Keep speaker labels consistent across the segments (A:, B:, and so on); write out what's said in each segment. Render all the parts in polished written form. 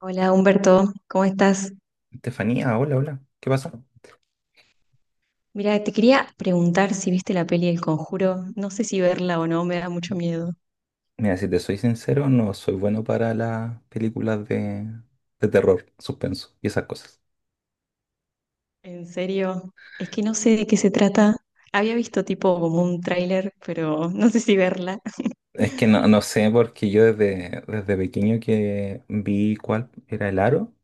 A: Hola Humberto, ¿cómo estás?
B: Estefanía, hola, hola. ¿Qué pasa?
A: Mira, te quería preguntar si viste la peli El Conjuro. No sé si verla o no, me da mucho miedo.
B: Mira, si te soy sincero, no soy bueno para las películas de terror, suspenso y esas cosas.
A: En serio, es que no sé de qué se trata. Había visto tipo como un tráiler, pero no sé si verla.
B: Es que no sé, porque yo desde pequeño que vi cuál era el aro,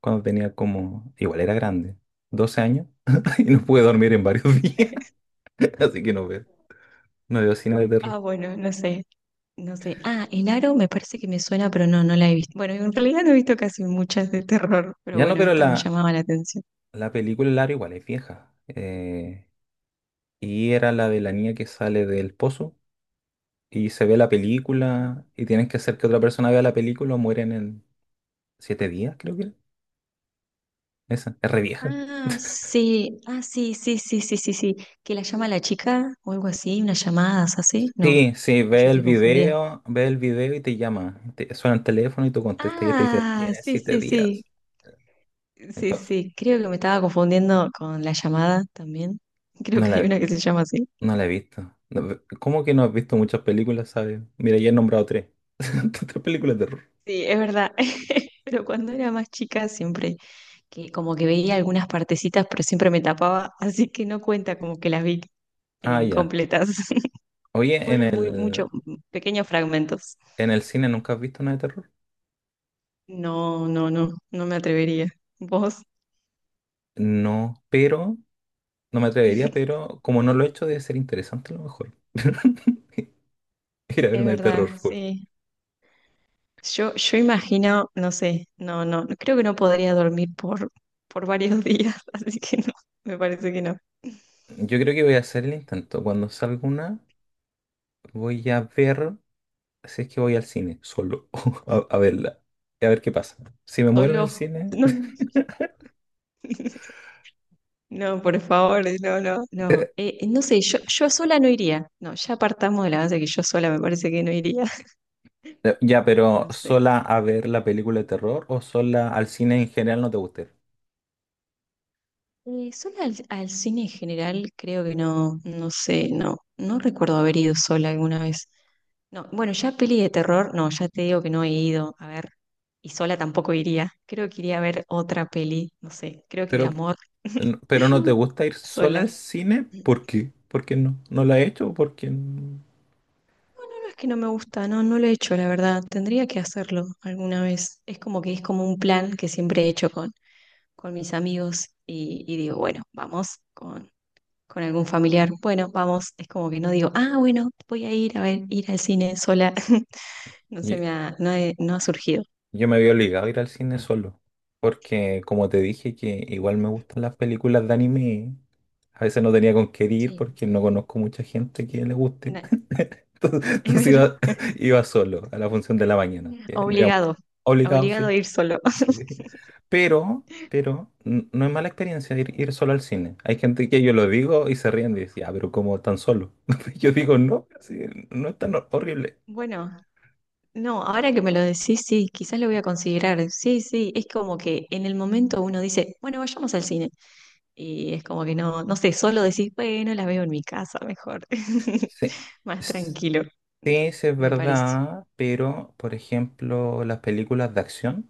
B: cuando tenía como, igual era grande, 12 años, y no pude dormir en varios días, así que no veo cine de terror.
A: Ah, bueno, no sé, no sé. Ah, El Aro me parece que me suena, pero no, no la he visto. Bueno, en realidad no he visto casi muchas de terror, pero
B: Ya no,
A: bueno,
B: pero
A: esta me
B: la,
A: llamaba la atención.
B: la película El aro igual es vieja. Y era la de la niña que sale del pozo. Y se ve la película y tienes que hacer que otra persona vea la película o mueren en 7 días, creo que era. Esa, es re vieja.
A: Ah, sí, ah, sí, sí, sí, sí, sí, sí. Que la llama la chica o algo así, unas llamadas así. No,
B: Sí, sí,
A: o yo estoy confundida.
B: ve el video y te llama. Suena el teléfono y tú contestas y te dice,
A: Ah,
B: tienes
A: sí,
B: siete
A: sí, sí.
B: días.
A: Sí,
B: Entonces,
A: sí. Creo que me estaba confundiendo con la llamada también. Creo
B: no
A: que hay
B: la,
A: una que se llama así.
B: no la he visto. No, ¿cómo que no has visto muchas películas, sabes? Mira, ya he nombrado tres. Tres películas de terror.
A: Sí, es verdad. Pero cuando era más chica siempre que como que veía algunas partecitas, pero siempre me tapaba, así que no cuenta como que las vi
B: Ah, ya.
A: incompletas.
B: Oye, en
A: Fueron muy muchos
B: el,
A: pequeños fragmentos.
B: en el cine nunca has visto una de terror.
A: No, no, no, no me atrevería. ¿Vos?
B: No, pero no me atrevería, pero como no lo he hecho, debe ser interesante a lo mejor. Ir a ver
A: Es
B: una de terror
A: verdad,
B: full.
A: sí. Yo imagino, no sé, no, no, no, creo que no podría dormir por varios días, así que no, me parece que no.
B: Yo creo que voy a hacer el intento. Cuando salga una, voy a ver si es que voy al cine solo a verla. Y a ver qué pasa. Si me muero en el
A: Solo,
B: cine.
A: no, no, por favor, no, no, no. No sé, yo sola no iría. No, ya partamos de la base que yo sola me parece que no iría.
B: Ya, pero
A: No sé.
B: sola a ver la película de terror o sola al cine en general no te gusta ir.
A: Sola al cine en general, creo que no, no sé, no, no recuerdo haber ido sola alguna vez. No, bueno, ya peli de terror, no, ya te digo que no he ido a ver, y sola tampoco iría. Creo que iría a ver otra peli, no sé, creo que de
B: Pero,
A: amor,
B: pero no te gusta ir sola al
A: sola.
B: cine,
A: No
B: ¿por qué? ¿Por qué no? ¿No la he hecho? ¿Por qué no?
A: es que no me gusta, no, no lo he hecho, la verdad. Tendría que hacerlo alguna vez. Es como que es como un plan que siempre he hecho con mis amigos y digo, bueno, vamos con algún familiar. Bueno, vamos. Es como que no digo, ah, bueno, voy a ir a ver, ir al cine sola. No se me ha, no ha surgido.
B: Yo me había obligado a ir al cine solo, porque como te dije que igual me gustan las películas de anime, a veces no tenía con qué ir
A: Sí,
B: porque no conozco mucha gente que le guste.
A: nada,
B: Entonces,
A: es
B: entonces
A: verdad.
B: iba, iba solo a la función de la mañana. Que no iba mucha
A: Obligado,
B: gente. Obligado,
A: obligado
B: sí.
A: a ir solo.
B: Sí. Pero no es mala experiencia ir solo al cine. Hay gente que yo lo digo y se ríen y dicen, ah, pero ¿cómo tan solo? Yo digo, no, sí, no es tan horrible.
A: Bueno, no, ahora que me lo decís, sí, quizás lo voy a considerar. Sí, sí, es como que en el momento uno dice, bueno, vayamos al cine. Y es como que no, no sé, solo decís, bueno, la veo en mi casa mejor.
B: Sí. Sí,
A: Más tranquilo,
B: sí es
A: me parece.
B: verdad, pero por ejemplo, las películas de acción,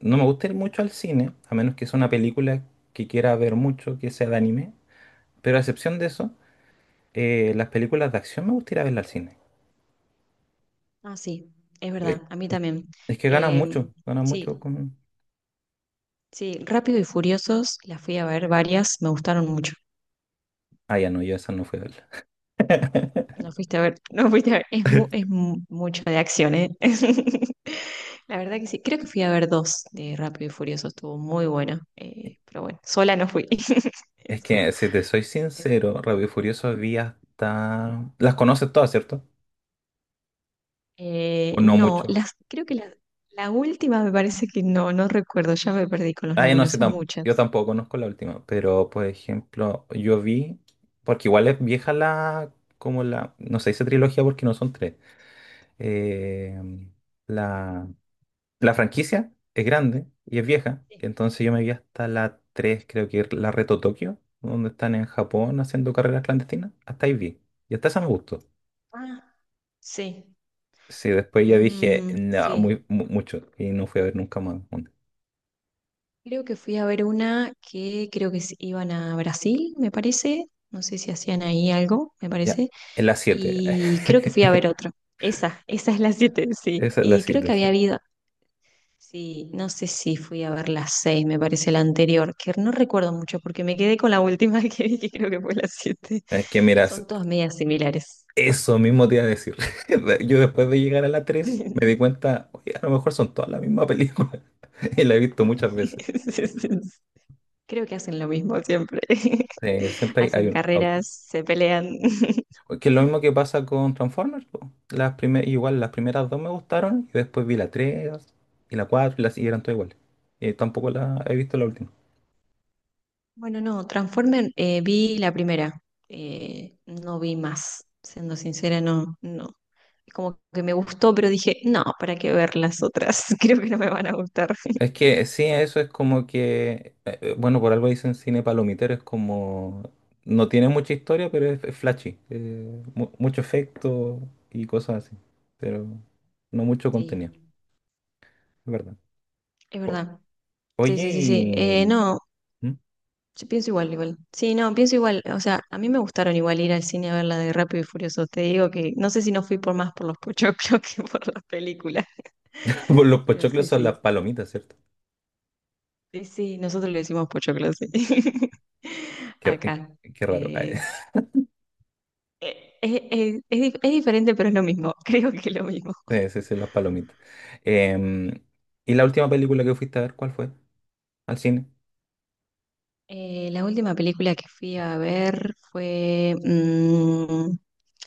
B: no me gusta ir mucho al cine, a menos que sea una película que quiera ver mucho, que sea de anime, pero a excepción de eso, las películas de acción me gusta ir a verlas al cine.
A: Ah, sí, es verdad,
B: Eh,
A: a mí
B: es
A: también.
B: es que
A: Em,
B: ganan
A: sí,
B: mucho con...
A: sí, Rápido y Furiosos, las fui a ver varias, me gustaron mucho.
B: Ah, ya no, yo esa no fui a verla.
A: No fuiste a ver, no fuiste a ver, es, mucho de acción, ¿eh? La verdad que sí, creo que fui a ver dos de Rápido y Furioso, estuvo muy bueno, pero bueno, sola no fui.
B: Es
A: Eso,
B: que, si te soy
A: eso.
B: sincero, Rápido y Furioso vi hasta... Las conoces todas, ¿cierto? O no
A: No,
B: mucho.
A: las, creo que la última me parece que no, no recuerdo, ya me perdí con los
B: Ah, yo no
A: números,
B: sé,
A: son
B: yo
A: muchas.
B: tampoco conozco la última, pero por ejemplo, yo vi, porque igual es vieja la, como la, no se dice trilogía porque no son tres. Eh, la, la franquicia es grande y es vieja,
A: Sí.
B: entonces yo me vi hasta la 3, creo que es la Reto Tokio, donde están en Japón haciendo carreras clandestinas, hasta ahí vi, y hasta esa me gustó.
A: Ah, sí,
B: Sí, después ya dije,
A: mm,
B: no,
A: sí.
B: muy, mucho, y no fui a ver nunca más. Una.
A: Creo que fui a ver una que creo que se iban a Brasil, me parece, no sé si hacían ahí algo, me
B: Ya,
A: parece.
B: en la 7.
A: Y creo que fui a ver otro. Esa es la siete, sí.
B: Esa es la
A: Y creo
B: siete,
A: que
B: sí.
A: había habido, sí, no sé si fui a ver la 6 me parece la anterior, que no recuerdo mucho porque me quedé con la última que vi, que creo que fue la siete.
B: Es que mira,
A: Son todas medias similares.
B: eso mismo te iba a decir. Yo después de llegar a la 3 me di cuenta, oye, a lo mejor son todas la misma película. Y la he visto
A: Sí,
B: muchas veces.
A: sí, sí. Creo que hacen lo mismo siempre.
B: Siempre hay
A: Hacen
B: un auto.
A: carreras, se pelean.
B: Que es lo mismo que pasa con Transformers, po. Igual las primeras dos me gustaron y después vi la 3 y la 4 y las y eran todas iguales. Y tampoco la he visto la última.
A: Bueno, no, Transformer vi la primera, no vi más, siendo sincera, no, no. Como que me gustó, pero dije, no, ¿para qué ver las otras? Creo que no me van a gustar.
B: Es que sí, eso es como que, bueno, por algo dicen cine palomitero, es como, no tiene mucha historia, pero es flashy, mucho efecto y cosas así, pero no mucho
A: Sí,
B: contenido, es verdad.
A: es
B: O-
A: verdad. Sí,
B: Oye,
A: sí, sí, sí.
B: y
A: No,
B: ¿Mm?
A: yo pienso igual, igual. Sí, no, pienso igual. O sea, a mí me gustaron igual ir al cine a ver la de Rápido y Furioso. Te digo que no sé si no fui por más por los pochoclos que por las películas.
B: Pues los
A: Pero
B: pochoclos
A: sí,
B: son
A: sí.
B: las palomitas, ¿cierto?
A: Sí, sí, nosotros le decimos pochoclo, sí.
B: Qué, eh,
A: Acá.
B: qué raro.
A: Eh, es diferente, pero es lo mismo. Creo que es lo mismo.
B: Sí, sí, sí, las palomitas. Em, ¿Y la última película que fuiste a ver, cuál fue? ¿Al cine?
A: La última película que fui a ver fue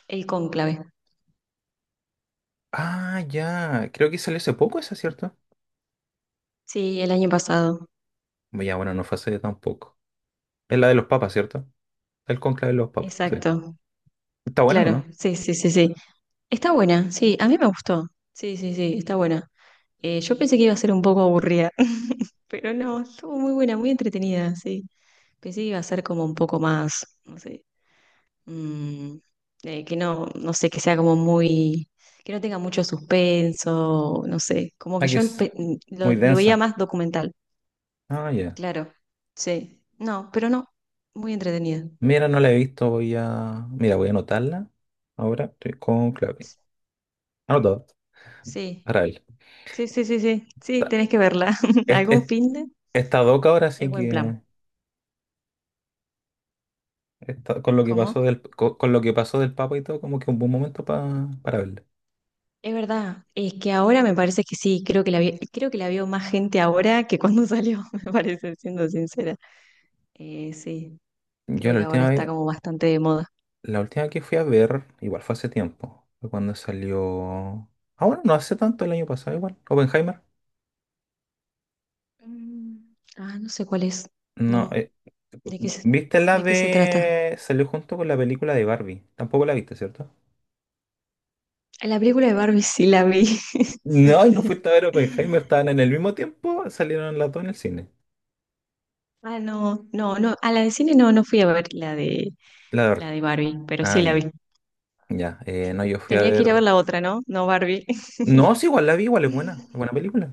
A: El Cónclave.
B: Ah, ya, creo que salió hace poco esa, ¿cierto?
A: Sí, el año pasado.
B: Ya, bueno, no fue hace tampoco. Es la de los papas, ¿cierto? El conclave de los papas, sí.
A: Exacto.
B: ¿Está buena o
A: Claro,
B: no?
A: sí, sí, sí, sí. Está buena, sí, a mí me gustó. Sí, sí, sí, está buena. Yo pensé que iba a ser un poco aburrida, pero no, estuvo muy buena, muy entretenida, sí. Pensé que iba a ser como un poco más, no sé, mm, que no, no sé, que sea como muy, que no tenga mucho suspenso, no sé, como que
B: Aquí
A: yo
B: es
A: lo,
B: muy
A: lo veía
B: densa.
A: más documental,
B: Ah, ya.
A: claro, sí, no, pero no, muy entretenida,
B: Mira, no la he visto, voy a... Mira, voy a anotarla. Ahora, sí, conclave. Anotado.
A: sí,
B: Para él.
A: sí, sí, sí, sí, sí,
B: Está,
A: tenés que verla,
B: es-
A: algún
B: es-
A: fin de,
B: está doca ahora,
A: es
B: así
A: buen plan.
B: que... Con lo que pasó
A: ¿Cómo?
B: del, con, lo que pasó del papa y todo, como que un buen momento para verla.
A: Es verdad, es que ahora me parece que sí, creo que creo que la vio más gente ahora que cuando salió, me parece, siendo sincera. Sí,
B: Yo
A: creo
B: la
A: que ahora
B: última
A: está
B: vez,
A: como bastante de moda.
B: la última que fui a ver, igual fue hace tiempo. Fue cuando salió... Ah, bueno, no hace tanto el año pasado, igual. Oppenheimer.
A: Mm, ah, no sé cuál es.
B: No,
A: No, ¿de qué se,
B: ¿viste la
A: ¿de qué se trata?
B: de... Salió junto con la película de Barbie. Tampoco la viste, ¿cierto?
A: La película de Barbie sí la vi. Sí,
B: No, y no
A: sí.
B: fuiste a ver Oppenheimer. Estaban en el mismo tiempo. Salieron las dos en el cine.
A: Ah, no, no, no. A la de cine no, no fui a ver
B: La de
A: la
B: Barbie.
A: de Barbie, pero sí
B: Ah,
A: la
B: ya.
A: vi.
B: Ya. No, yo fui a
A: Tenía que ir a ver
B: ver...
A: la otra, ¿no? No Barbie.
B: No, sí, igual la vi. Igual es buena. Es buena película.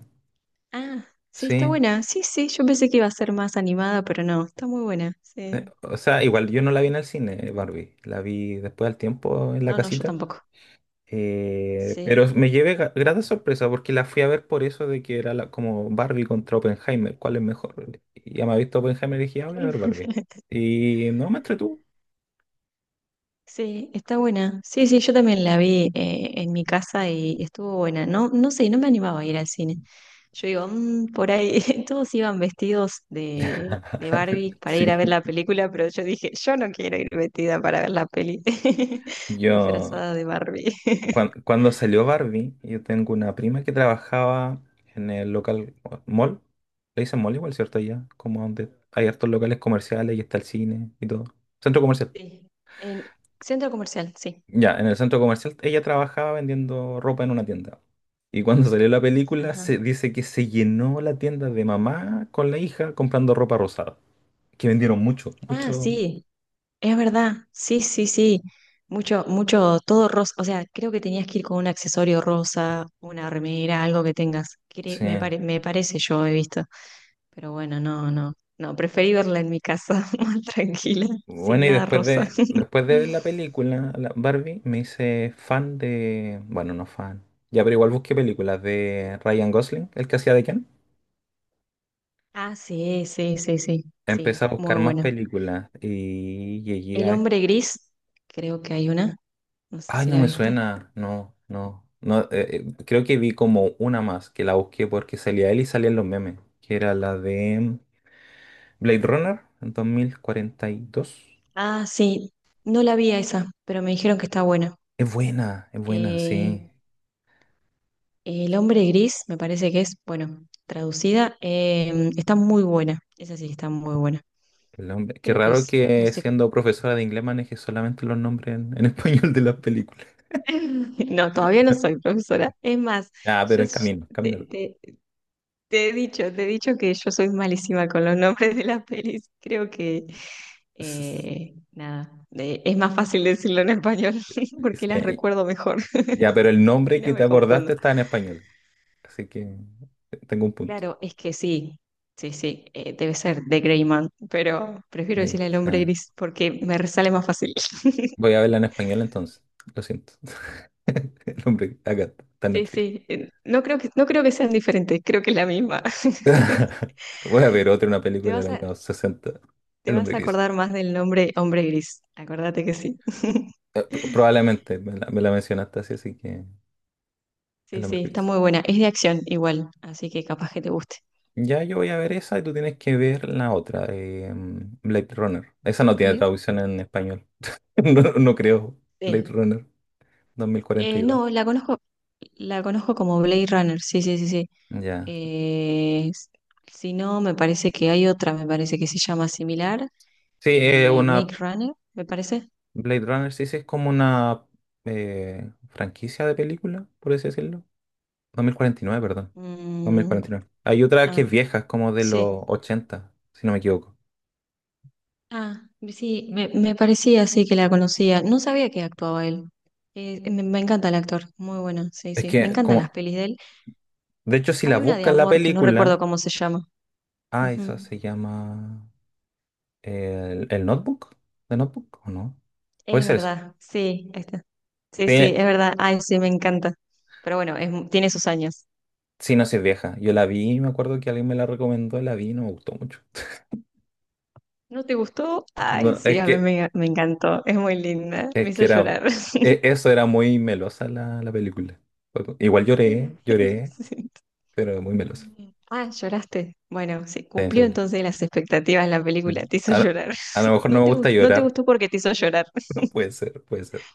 A: Ah, sí, está
B: Sí.
A: buena. Sí, sí, yo pensé que iba a ser más animada, pero no, está muy buena. Sí.
B: O sea, igual yo no la vi en el cine, Barbie. La vi después al tiempo en la
A: No, no, yo
B: casita.
A: tampoco.
B: Pero
A: Sí.
B: me llevé grata sorpresa porque la fui a ver por eso de que era como Barbie contra Oppenheimer, ¿cuál es mejor? Y ya me había visto Oppenheimer y dije, "Ah, voy a ver Barbie. Y no me entretuvo.
A: Sí, está buena. Sí, sí, yo también la vi en mi casa y estuvo buena. No, no sé, no me animaba a ir al cine. Yo digo, "Mm, por ahí todos iban vestidos de Barbie para ir a
B: Sí.
A: ver la película, pero yo dije, yo no quiero ir vestida para ver la peli
B: Yo,
A: disfrazada de Barbie.
B: cuan- cuando salió Barbie, yo tengo una prima que trabajaba en el local mall. Le dicen mall igual, ¿cierto? Allá, como donde hay hartos locales comerciales y está el cine y todo. Centro comercial.
A: Sí. En centro comercial, sí.
B: Ya, en el centro comercial ella trabajaba vendiendo ropa en una tienda. Y cuando salió la película,
A: Ajá.
B: se dice que se llenó la tienda de mamá con la hija comprando ropa rosada. Que vendieron mucho,
A: Ah,
B: mucho.
A: sí, es verdad, sí, sí, sí. Mucho, mucho, todo rosa. O sea, creo que tenías que ir con un accesorio rosa, una remera, algo que tengas.
B: Sí.
A: Me parece, yo he visto. Pero bueno, no, no. No, preferí verla en mi casa, más tranquila, sin
B: Bueno, y
A: nada
B: después
A: rosa.
B: de, después de ver la película, la Barbie, me hice fan de. Bueno, no fan. Ya, pero igual busqué películas de Ryan Gosling, el que hacía de Ken.
A: Ah, sí, sí, sí, sí. Sí,
B: Empecé a
A: muy
B: buscar más
A: bueno.
B: películas y llegué
A: El
B: a,
A: hombre gris, creo que hay una. No sé
B: Ay,
A: si
B: no
A: la
B: me
A: viste.
B: suena. No, no. No, creo que vi como una más que la busqué porque salía él y salían los memes. Que era la de Blade Runner en 2042.
A: Ah, sí. No la vi a esa, pero me dijeron que está buena.
B: Es buena,
A: Eh,
B: sí.
A: El hombre gris, me parece que es, bueno, traducida, está muy buena. Esa sí que está muy buena.
B: Qué
A: Creo que
B: raro
A: es, no
B: que
A: sé.
B: siendo profesora de inglés maneje solamente los nombres en español de las películas.
A: No, todavía no soy profesora. Es más,
B: Ah, pero
A: yo
B: en
A: s-
B: camino,
A: te,
B: camino.
A: te- te he dicho que yo soy malísima con los nombres de las pelis. Creo que,
B: S-
A: nada, es más fácil decirlo en español
B: s-
A: porque las
B: sí.
A: recuerdo mejor.
B: Ya, pero el
A: Si
B: nombre que
A: no
B: te
A: me confundo.
B: acordaste está en español. Así que tengo un punto.
A: Claro, es que sí, sí, sí, debe ser de Grey Man, pero prefiero
B: Ahí,
A: decirle el
B: sí.
A: hombre gris porque me sale más fácil.
B: Voy a verla en español entonces. Lo siento. El hombre acá está en
A: Sí,
B: Netflix.
A: sí, no creo que sean diferentes, creo que es la misma.
B: Voy a ver otra, una
A: Te
B: película de
A: vas
B: los
A: a,
B: años 60.
A: te
B: El
A: vas
B: hombre
A: a
B: gris.
A: acordar más del nombre hombre gris, acordate que sí.
B: Probablemente me la mencionaste así, así que el
A: Sí, sí,
B: hombre
A: está
B: gris.
A: muy buena, es de acción igual, así que capaz que te guste.
B: Ya yo voy a ver esa y tú tienes que ver la otra, Blade Runner. Esa no tiene
A: Bien.
B: traducción en español. No, no creo. Blade
A: Sí.
B: Runner dos mil cuarenta y dos.
A: No, la conozco como Blade Runner, sí, sí, sí, sí.
B: Ya.
A: Eh, s- si no, me parece que hay otra, me parece que se llama similar,
B: Sí, es una
A: Make Runner, me parece.
B: Blade Runner, sí, sí, es como una franquicia de película, por así decirlo. 2049 perdón. dos mil
A: Mm,
B: cuarenta y nueve Hay otra que es
A: ah,
B: vieja, es como de
A: sí.
B: los 80 si no me equivoco.
A: Ah, sí, me parecía así que la conocía. No sabía que actuaba él. Me encanta el actor, muy bueno, sí,
B: Es
A: sí. Me
B: que,
A: encantan las
B: como,
A: pelis de él.
B: de hecho, si la
A: Hay una de
B: buscas la
A: amor que no recuerdo
B: película,
A: cómo se llama.
B: ah, esa
A: Ujú.
B: se llama el Notebook, ¿The Notebook o no? Puede
A: Es
B: ser esa.
A: verdad, sí, ahí está. Sí, sí,
B: Sí,
A: es verdad. Ay, sí, me encanta. Pero bueno, es tiene sus años.
B: sí, no sé, es vieja. Yo la vi, me acuerdo que alguien me la recomendó, la vi, y no me gustó mucho.
A: ¿No te gustó? Ay,
B: No,
A: sí,
B: es
A: a mí
B: que,
A: me encantó. Es muy linda. Me
B: es que
A: hizo
B: era,
A: llorar.
B: eso era muy melosa la película. Igual lloré, lloré,
A: Sí.
B: pero muy melosa.
A: Ah, lloraste. Bueno, sí,
B: Sí, se
A: cumplió
B: volvió.
A: entonces las expectativas la película. Te hizo
B: A, lo
A: llorar.
B: a lo mejor no
A: No
B: me
A: te,
B: gusta
A: gus- no te
B: llorar.
A: gustó porque te hizo llorar.
B: No puede ser, puede ser.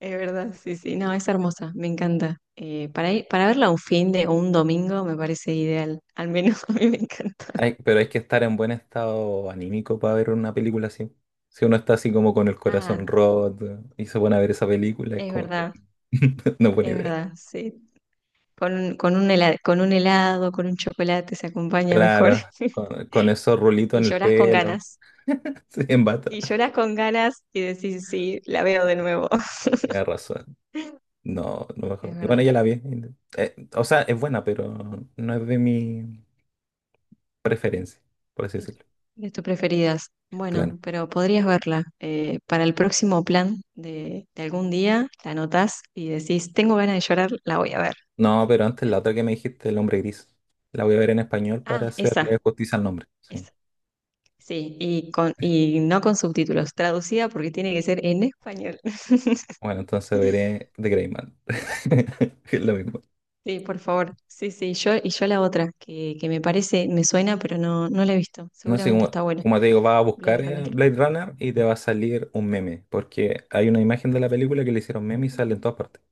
A: Es verdad, sí, sí. No, es hermosa. Me encanta. Para ir, para verla un fin de o un domingo me parece ideal. Al menos a mí me encanta.
B: Pero hay que estar en buen estado anímico para ver una película así. Si uno está así como con el corazón
A: Ah,
B: roto y se pone a ver esa película, es
A: es
B: como que
A: verdad,
B: no es buena
A: es
B: idea.
A: verdad, sí. Con un helado, con un helado, con un chocolate se acompaña mejor.
B: Claro, con esos rulitos
A: Y
B: en el
A: lloras con
B: pelo,
A: ganas.
B: sí, en bata.
A: Y lloras con ganas y decís, sí, la veo de nuevo.
B: Tienes razón. No, no
A: Es
B: mejor. Bueno,
A: verdad.
B: ya la vi. O sea, es buena, pero no es de mi preferencia, por así
A: De
B: decirlo.
A: de tus preferidas.
B: Claro.
A: Bueno, pero podrías verla. Para el próximo plan de algún día, la anotás y decís, tengo ganas de llorar, la voy a ver.
B: No, pero antes la otra que me dijiste, El hombre gris. La voy a ver en español
A: Ah,
B: para
A: esa,
B: hacerle justicia al nombre, sí.
A: esa. Sí, y, con, y no con subtítulos, traducida porque tiene que ser en español.
B: Bueno, entonces veré The Grey Man. Es lo mismo.
A: Sí, por favor. Sí, sí, yo y yo la otra, que me parece, me suena, pero no, no la he visto.
B: No sé,
A: Seguramente
B: como,
A: está buena.
B: como te digo, vas a
A: Blade
B: buscar
A: Runner.
B: Blade Runner y te va a salir un meme. Porque hay una imagen de la película que le hicieron meme y sale en todas partes.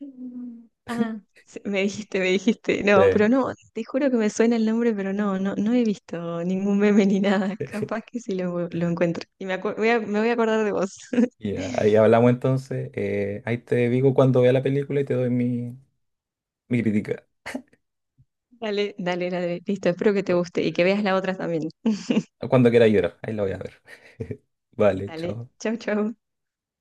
A: Mm. Ah, sí, me dijiste, me dijiste.
B: Sí,
A: No, pero no, te juro que me suena el nombre, pero no, no, no he visto ningún meme ni nada. Capaz que sí lo encuentro. Y me voy a acordar de vos.
B: y ahí hablamos entonces. Ahí te digo cuando vea la película y te doy mi crítica.
A: Dale, dale, dale. Listo, espero que te guste y que veas la otra también.
B: Cuando quiera llorar, ahí la voy a ver. Vale,
A: Dale,
B: chao.
A: chau, chau.